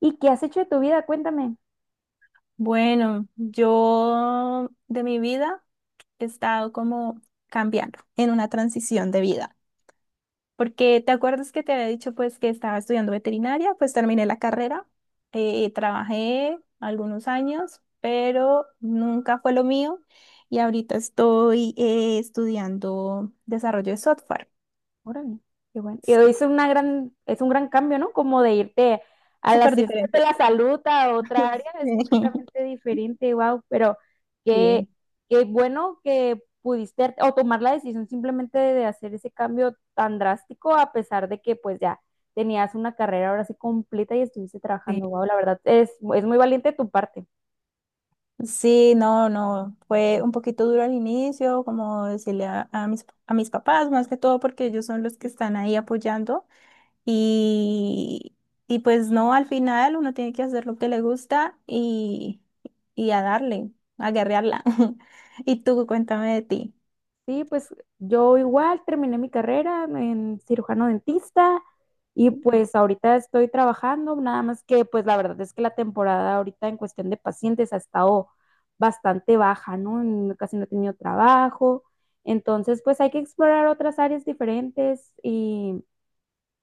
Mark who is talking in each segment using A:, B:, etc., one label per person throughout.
A: ¿Y qué has hecho de tu vida? Cuéntame.
B: Bueno, yo de mi vida he estado como cambiando en una transición de vida, porque te acuerdas que te había dicho pues que estaba estudiando veterinaria, pues terminé la carrera, trabajé algunos años, pero nunca fue lo mío y ahorita estoy estudiando desarrollo de software.
A: Órale, qué bueno. Y
B: Sí.
A: es una gran, es un gran cambio, ¿no? Como de irte a las
B: Súper
A: ciencias de
B: diferente.
A: la salud a otra área, es completamente diferente, wow. Pero qué,
B: Sí.
A: qué bueno que pudiste o tomar la decisión simplemente de hacer ese cambio tan drástico, a pesar de que pues ya tenías una carrera ahora sí completa y estuviste trabajando,
B: Sí.
A: wow, la verdad, es muy valiente de tu parte.
B: Sí, no, no, fue un poquito duro al inicio, como decirle a mis papás, más que todo porque ellos son los que están ahí apoyando y, y pues no, al final uno tiene que hacer lo que le gusta y a darle, a guerrearla. Y tú, cuéntame de ti.
A: Sí, pues yo igual terminé mi carrera en cirujano dentista y pues ahorita estoy trabajando, nada más que pues la verdad es que la temporada ahorita en cuestión de pacientes ha estado bastante baja, ¿no? Casi no he tenido trabajo, entonces pues hay que explorar otras áreas diferentes y,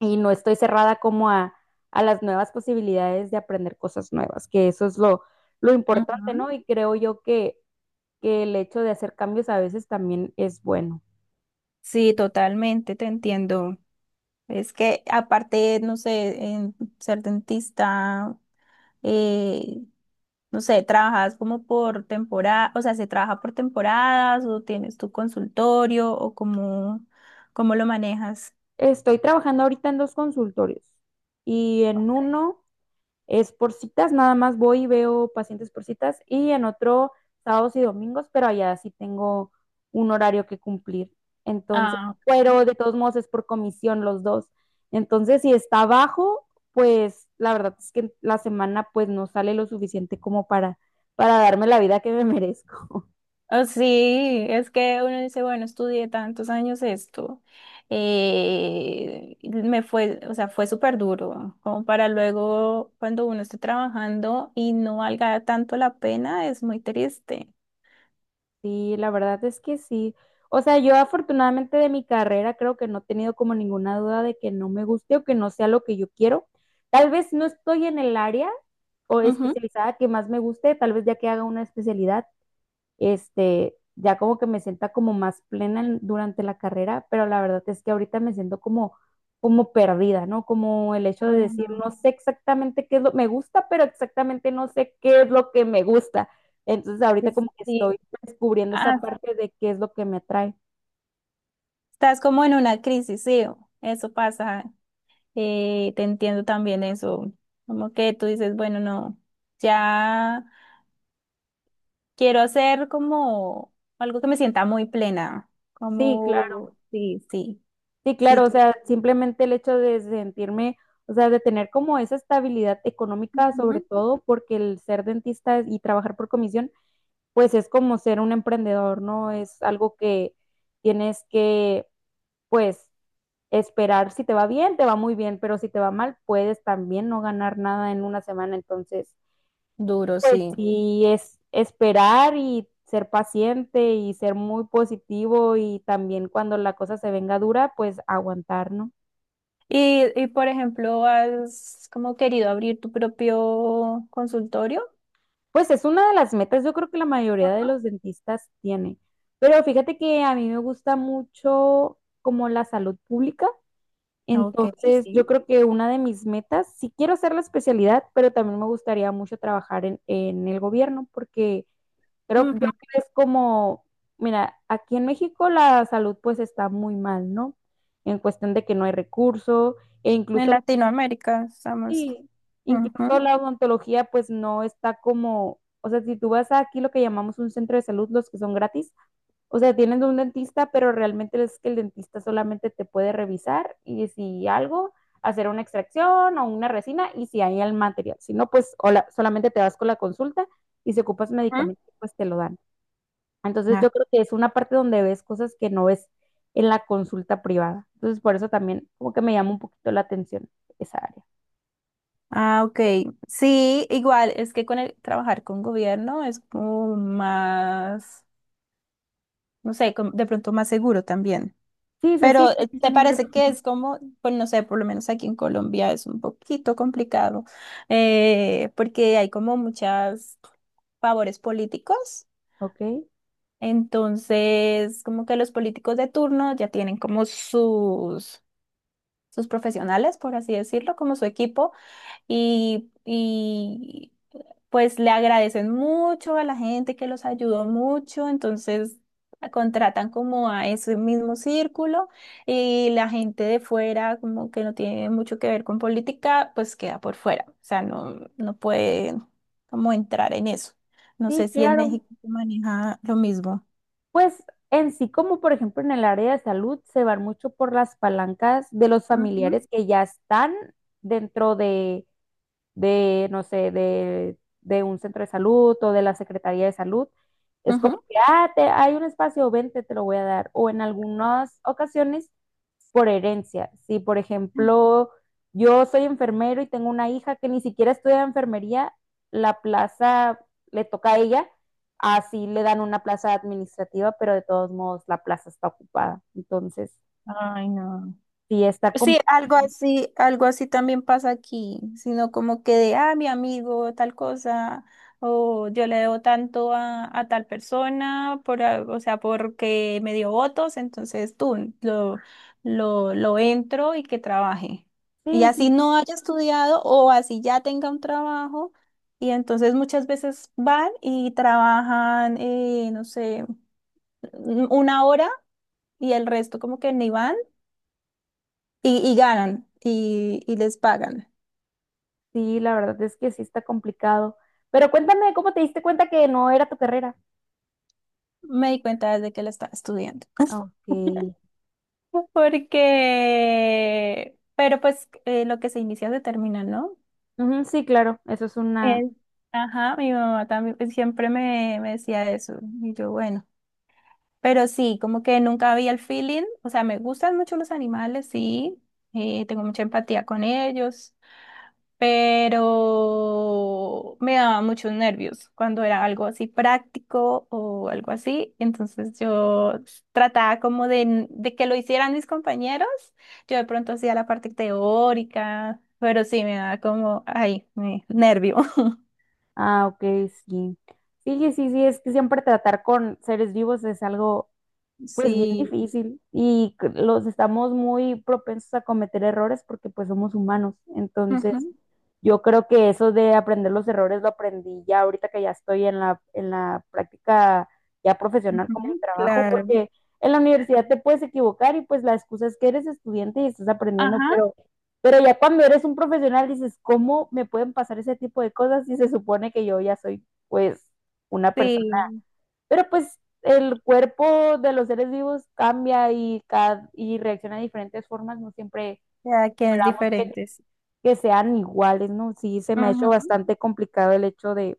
A: y no estoy cerrada como a las nuevas posibilidades de aprender cosas nuevas, que eso es lo importante, ¿no?
B: Ujú.
A: Y creo yo que el hecho de hacer cambios a veces también es bueno.
B: Sí, totalmente, te entiendo. Es que aparte, no sé, en ser dentista, eh, no sé, trabajas como por temporada, o sea, se trabaja por temporadas o tienes tu consultorio o cómo, cómo lo manejas.
A: Estoy trabajando ahorita en dos consultorios y en uno es por citas, nada más voy y veo pacientes por citas y en otro sábados y domingos, pero allá sí tengo un horario que cumplir. Entonces,
B: Ah, ok.
A: pero de todos modos es por comisión los dos. Entonces, si está bajo, pues la verdad es que la semana pues no sale lo suficiente como para darme la vida que me merezco.
B: Oh, sí, es que uno dice, bueno, estudié tantos años esto, me fue, o sea, fue súper duro, como para luego cuando uno esté trabajando y no valga tanto la pena, es muy triste.
A: Sí, la verdad es que sí. O sea, yo afortunadamente de mi carrera creo que no he tenido como ninguna duda de que no me guste o que no sea lo que yo quiero. Tal vez no estoy en el área o
B: Ujú.
A: especializada que más me guste, tal vez ya que haga una especialidad este, ya como que me sienta como más plena durante la carrera, pero la verdad es que ahorita me siento como, como perdida, ¿no? Como el hecho de
B: Ay,
A: decir,
B: no.
A: no sé exactamente qué es lo que me gusta, pero exactamente no sé qué es lo que me gusta. Entonces
B: Sí,
A: ahorita como
B: sí,
A: que estoy
B: sí.
A: descubriendo esa
B: Ah,
A: parte de qué es lo que me atrae.
B: estás como en una crisis, sí, eso pasa. Te entiendo también eso. Como que tú dices, bueno, no, ya quiero hacer como algo que me sienta muy plena.
A: Sí, claro.
B: Como, sí, sí,
A: Sí,
B: sí,
A: claro, o
B: tú-
A: sea, simplemente el hecho de sentirme, o sea, de tener como esa estabilidad económica,
B: Ujú.
A: sobre todo porque el ser dentista y trabajar por comisión pues es como ser un emprendedor, ¿no? Es algo que tienes que, pues, esperar. Si te va bien, te va muy bien, pero si te va mal, puedes también no ganar nada en una semana. Entonces,
B: Duro,
A: pues
B: sí.
A: sí, es esperar y ser paciente y ser muy positivo y también cuando la cosa se venga dura, pues aguantar, ¿no?
B: Y por ejemplo, ¿has como querido abrir tu propio consultorio?
A: Pues es una de las metas, yo creo que la mayoría de
B: Ajá.
A: los dentistas tiene. Pero fíjate que a mí me gusta mucho como la salud pública.
B: Ok.
A: Entonces, yo
B: Sí.
A: creo que una de mis metas, sí quiero hacer la especialidad, pero también me gustaría mucho trabajar en el gobierno, porque creo yo
B: Ujú.
A: que es como, mira, aquí en México la salud pues está muy mal, ¿no? En cuestión de que no hay recurso e
B: En
A: incluso,
B: Latinoamérica estamos.
A: sí, incluso la odontología pues no está como, o sea, si tú vas a aquí lo que llamamos un centro de salud, los que son gratis, o sea, tienen un dentista, pero realmente es que el dentista solamente te puede revisar y si algo, hacer una extracción o una resina y si hay el material. Si no, pues hola, solamente te vas con la consulta y si ocupas
B: ¿Mm?
A: medicamento, pues te lo dan. Entonces
B: Ah,
A: yo creo que es una parte donde ves cosas que no ves en la consulta privada. Entonces por eso también como que me llama un poquito la atención esa área.
B: ah, ok. Sí, igual, es que con el trabajar con gobierno es como más, no sé, como de pronto más seguro también.
A: Sí, sí, sí,
B: Pero
A: tienes
B: ¿te
A: un ingreso
B: parece que
A: fijo.
B: es como, pues no sé, por lo menos aquí en Colombia es un poquito complicado, porque hay como muchas favores políticos?
A: Ok,
B: Entonces, como que los políticos de turno ya tienen como sus, sus profesionales, por así decirlo, como su equipo y, pues le agradecen mucho a la gente que los ayudó mucho, entonces a- contratan como a ese mismo círculo y la gente de fuera, como que no tiene mucho que ver con política, pues queda por fuera, o sea, no, no puede como entrar en eso. No
A: sí,
B: sé si en
A: claro.
B: México se maneja lo mismo.
A: Pues en sí, como por ejemplo en el área de salud, se van mucho por las palancas de los
B: Ujú.
A: familiares que ya están dentro no sé, de un centro de salud o de la Secretaría de Salud. Es como
B: Ujú.
A: que, ah, hay un espacio, vente, te lo voy a dar. O en algunas ocasiones, por herencia. Si, por ejemplo, yo soy enfermero y tengo una hija que ni siquiera estudia enfermería, la plaza le toca a ella, así le dan una plaza administrativa, pero de todos modos la plaza está ocupada. Entonces,
B: Ay, no.
A: sí está
B: Sí,
A: complicado.
B: algo así también pasa aquí, sino como que de, ah, mi amigo, tal cosa, o yo le debo tanto a tal persona, por, a- o sea, porque me dio votos, entonces tú lo entro y que trabaje. Y
A: Sí,
B: así
A: sí,
B: no haya estudiado o así ya tenga un trabajo, y entonces muchas veces van y trabajan, no sé, una hora y el resto como que ni van y ganan y les pagan.
A: sí, la verdad es que sí está complicado. Pero cuéntame, ¿cómo te diste cuenta que no era tu carrera?
B: Me di cuenta desde que lo estaba estudiando.
A: Ok.
B: Porque, pero pues lo que se inicia se termina, ¿no?
A: Ujú, sí, claro, eso es una...
B: Eh, ajá, mi mamá también pues, siempre me, me decía eso. Y yo, bueno, pero sí, como que nunca había el feeling. O sea, me gustan mucho los animales, sí. Tengo mucha empatía con ellos, pero me daba muchos nervios cuando era algo así práctico o algo así. Entonces yo trataba como de que lo hicieran mis compañeros. Yo de pronto hacía la parte teórica, pero sí me daba como, ay, me- nervio.
A: Ah, ok, sí. Sí, sí, sí, sí, es que siempre tratar con seres vivos es algo, pues, bien
B: Sí.
A: difícil y los estamos muy propensos a cometer errores porque, pues, somos humanos. Entonces, yo creo que eso de aprender los errores lo aprendí ya ahorita que ya estoy en en la práctica ya
B: Ujú,
A: profesional como
B: ujú,
A: un trabajo,
B: claro.
A: porque en la universidad te puedes equivocar y pues la excusa es que eres estudiante y estás aprendiendo,
B: Ajá.
A: pero ya cuando eres un profesional dices, ¿cómo me pueden pasar ese tipo de cosas si se supone que yo ya soy pues una persona?
B: Sí,
A: Pero pues el cuerpo de los seres vivos cambia y reacciona de diferentes formas, no siempre
B: ya que es
A: esperamos que
B: diferente. Sí.
A: que sean iguales, ¿no? Sí, se me ha hecho bastante complicado el hecho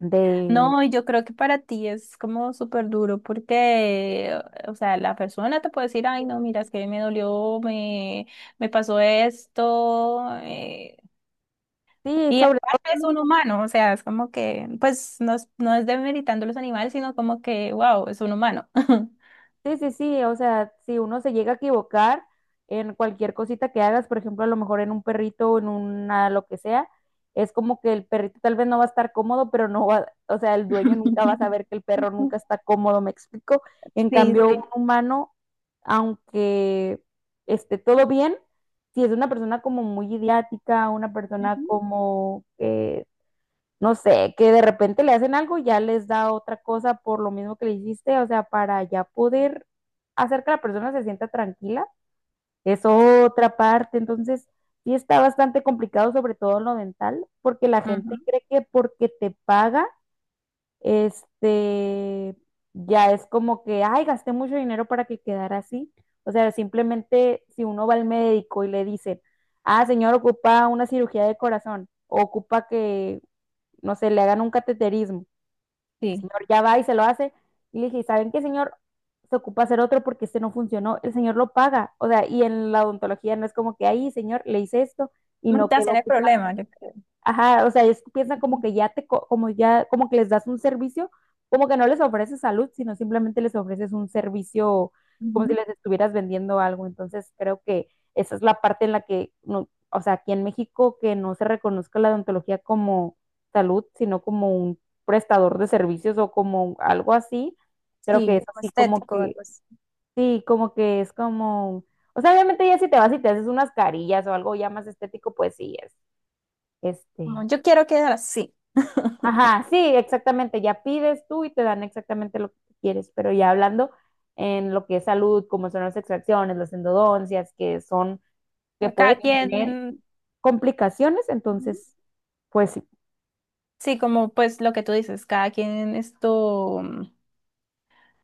A: de,
B: No, y yo creo que para ti es como súper duro porque, o sea, la persona te puede decir, ay, no, mira, es que me dolió, me pasó esto,
A: sí,
B: y
A: sobre todo
B: aparte
A: con
B: es
A: los
B: un humano, o sea, es como que, pues, no es, no es demeritando los animales, sino como que, wow, es un humano.
A: Sí, sí, sí, o sea, si uno se llega a equivocar en cualquier cosita que hagas, por ejemplo, a lo mejor en un perrito o en una lo que sea, es como que el perrito tal vez no va a estar cómodo, pero no va, o sea, el dueño nunca va a saber que el perro nunca está cómodo, ¿me explico? En
B: Sí,
A: cambio,
B: sí.
A: un humano, aunque esté todo bien, si es una persona como muy idiática, una persona
B: Ujú.
A: como que no sé, que de repente le hacen algo y ya les da otra cosa por lo mismo que le hiciste, o sea, para ya poder hacer que la persona se sienta tranquila, es otra parte, entonces sí está bastante complicado, sobre todo en lo dental, porque la gente
B: Ujú.
A: cree que porque te paga, este, ya es como que, ay, gasté mucho dinero para que quedara así, o sea, simplemente si uno va al médico y le dicen, ah, señor, ocupa una cirugía de corazón, o ocupa que no sé, le hagan un cateterismo. El
B: Sí.
A: señor ya va y se lo hace. Y le dije, ¿saben qué, señor? Se ocupa hacer otro porque este no funcionó. El señor lo paga. O sea, y en la odontología no es como que ahí, señor, le hice esto y no
B: Mutación
A: quedó.
B: el
A: Pues,
B: problema, yo creo.
A: ajá, o sea, ellos piensan como
B: Ujú.
A: que ya como ya, como que les das un servicio, como que no les ofreces salud, sino simplemente les ofreces un servicio como si
B: Ujú.
A: les estuvieras vendiendo algo. Entonces, creo que esa es la parte en la que, no, o sea, aquí en México que no se reconozca la odontología como salud, sino como un prestador de servicios o como algo así, creo que
B: Sí,
A: es
B: como
A: así como
B: estético,
A: que,
B: algo así.
A: sí, como que es como, o sea, obviamente ya si te vas y te haces unas carillas o algo ya más estético, pues sí, es, este
B: Como, yo quiero quedar así.
A: ajá, sí, exactamente. Ya pides tú y te dan exactamente lo que tú quieres, pero ya hablando en lo que es salud, como son las extracciones, las endodoncias, que son, que
B: Cada
A: puede
B: quien,
A: tener complicaciones,
B: ujú,
A: entonces, pues sí.
B: sí, como pues lo que tú dices, cada quien esto mm,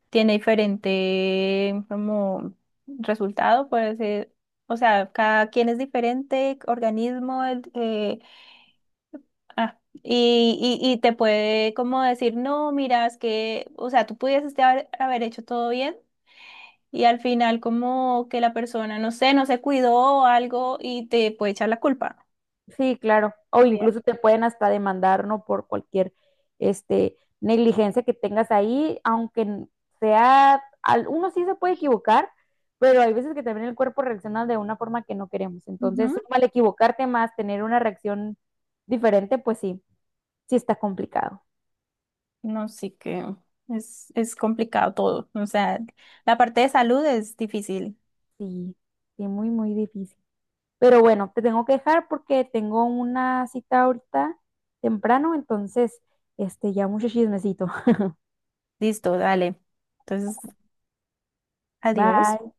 B: tiene diferente como resultado, puede ser, o sea, cada quien es diferente, organismo, el- ah, y te puede como decir, no, mira, es que, o sea, tú pudieses te haber, haber hecho todo bien. Y al final como que la persona, no sé, no se cuidó o algo y te puede echar la culpa.
A: Sí, claro. O
B: Bien.
A: incluso te pueden hasta demandar, ¿no? Por cualquier este, negligencia que tengas ahí, aunque sea, uno sí se puede equivocar, pero hay veces que también el cuerpo reacciona de una forma que no queremos. Entonces, mal equivocarte más, tener una reacción diferente, pues sí, sí está complicado.
B: No, sí que es complicado todo. O sea, la parte de salud es difícil.
A: Sí, sí, muy, muy difícil. Pero bueno, te tengo que dejar porque tengo una cita ahorita temprano, entonces, este, ya mucho chismecito.
B: Listo, dale. Entonces, adiós.
A: Bye.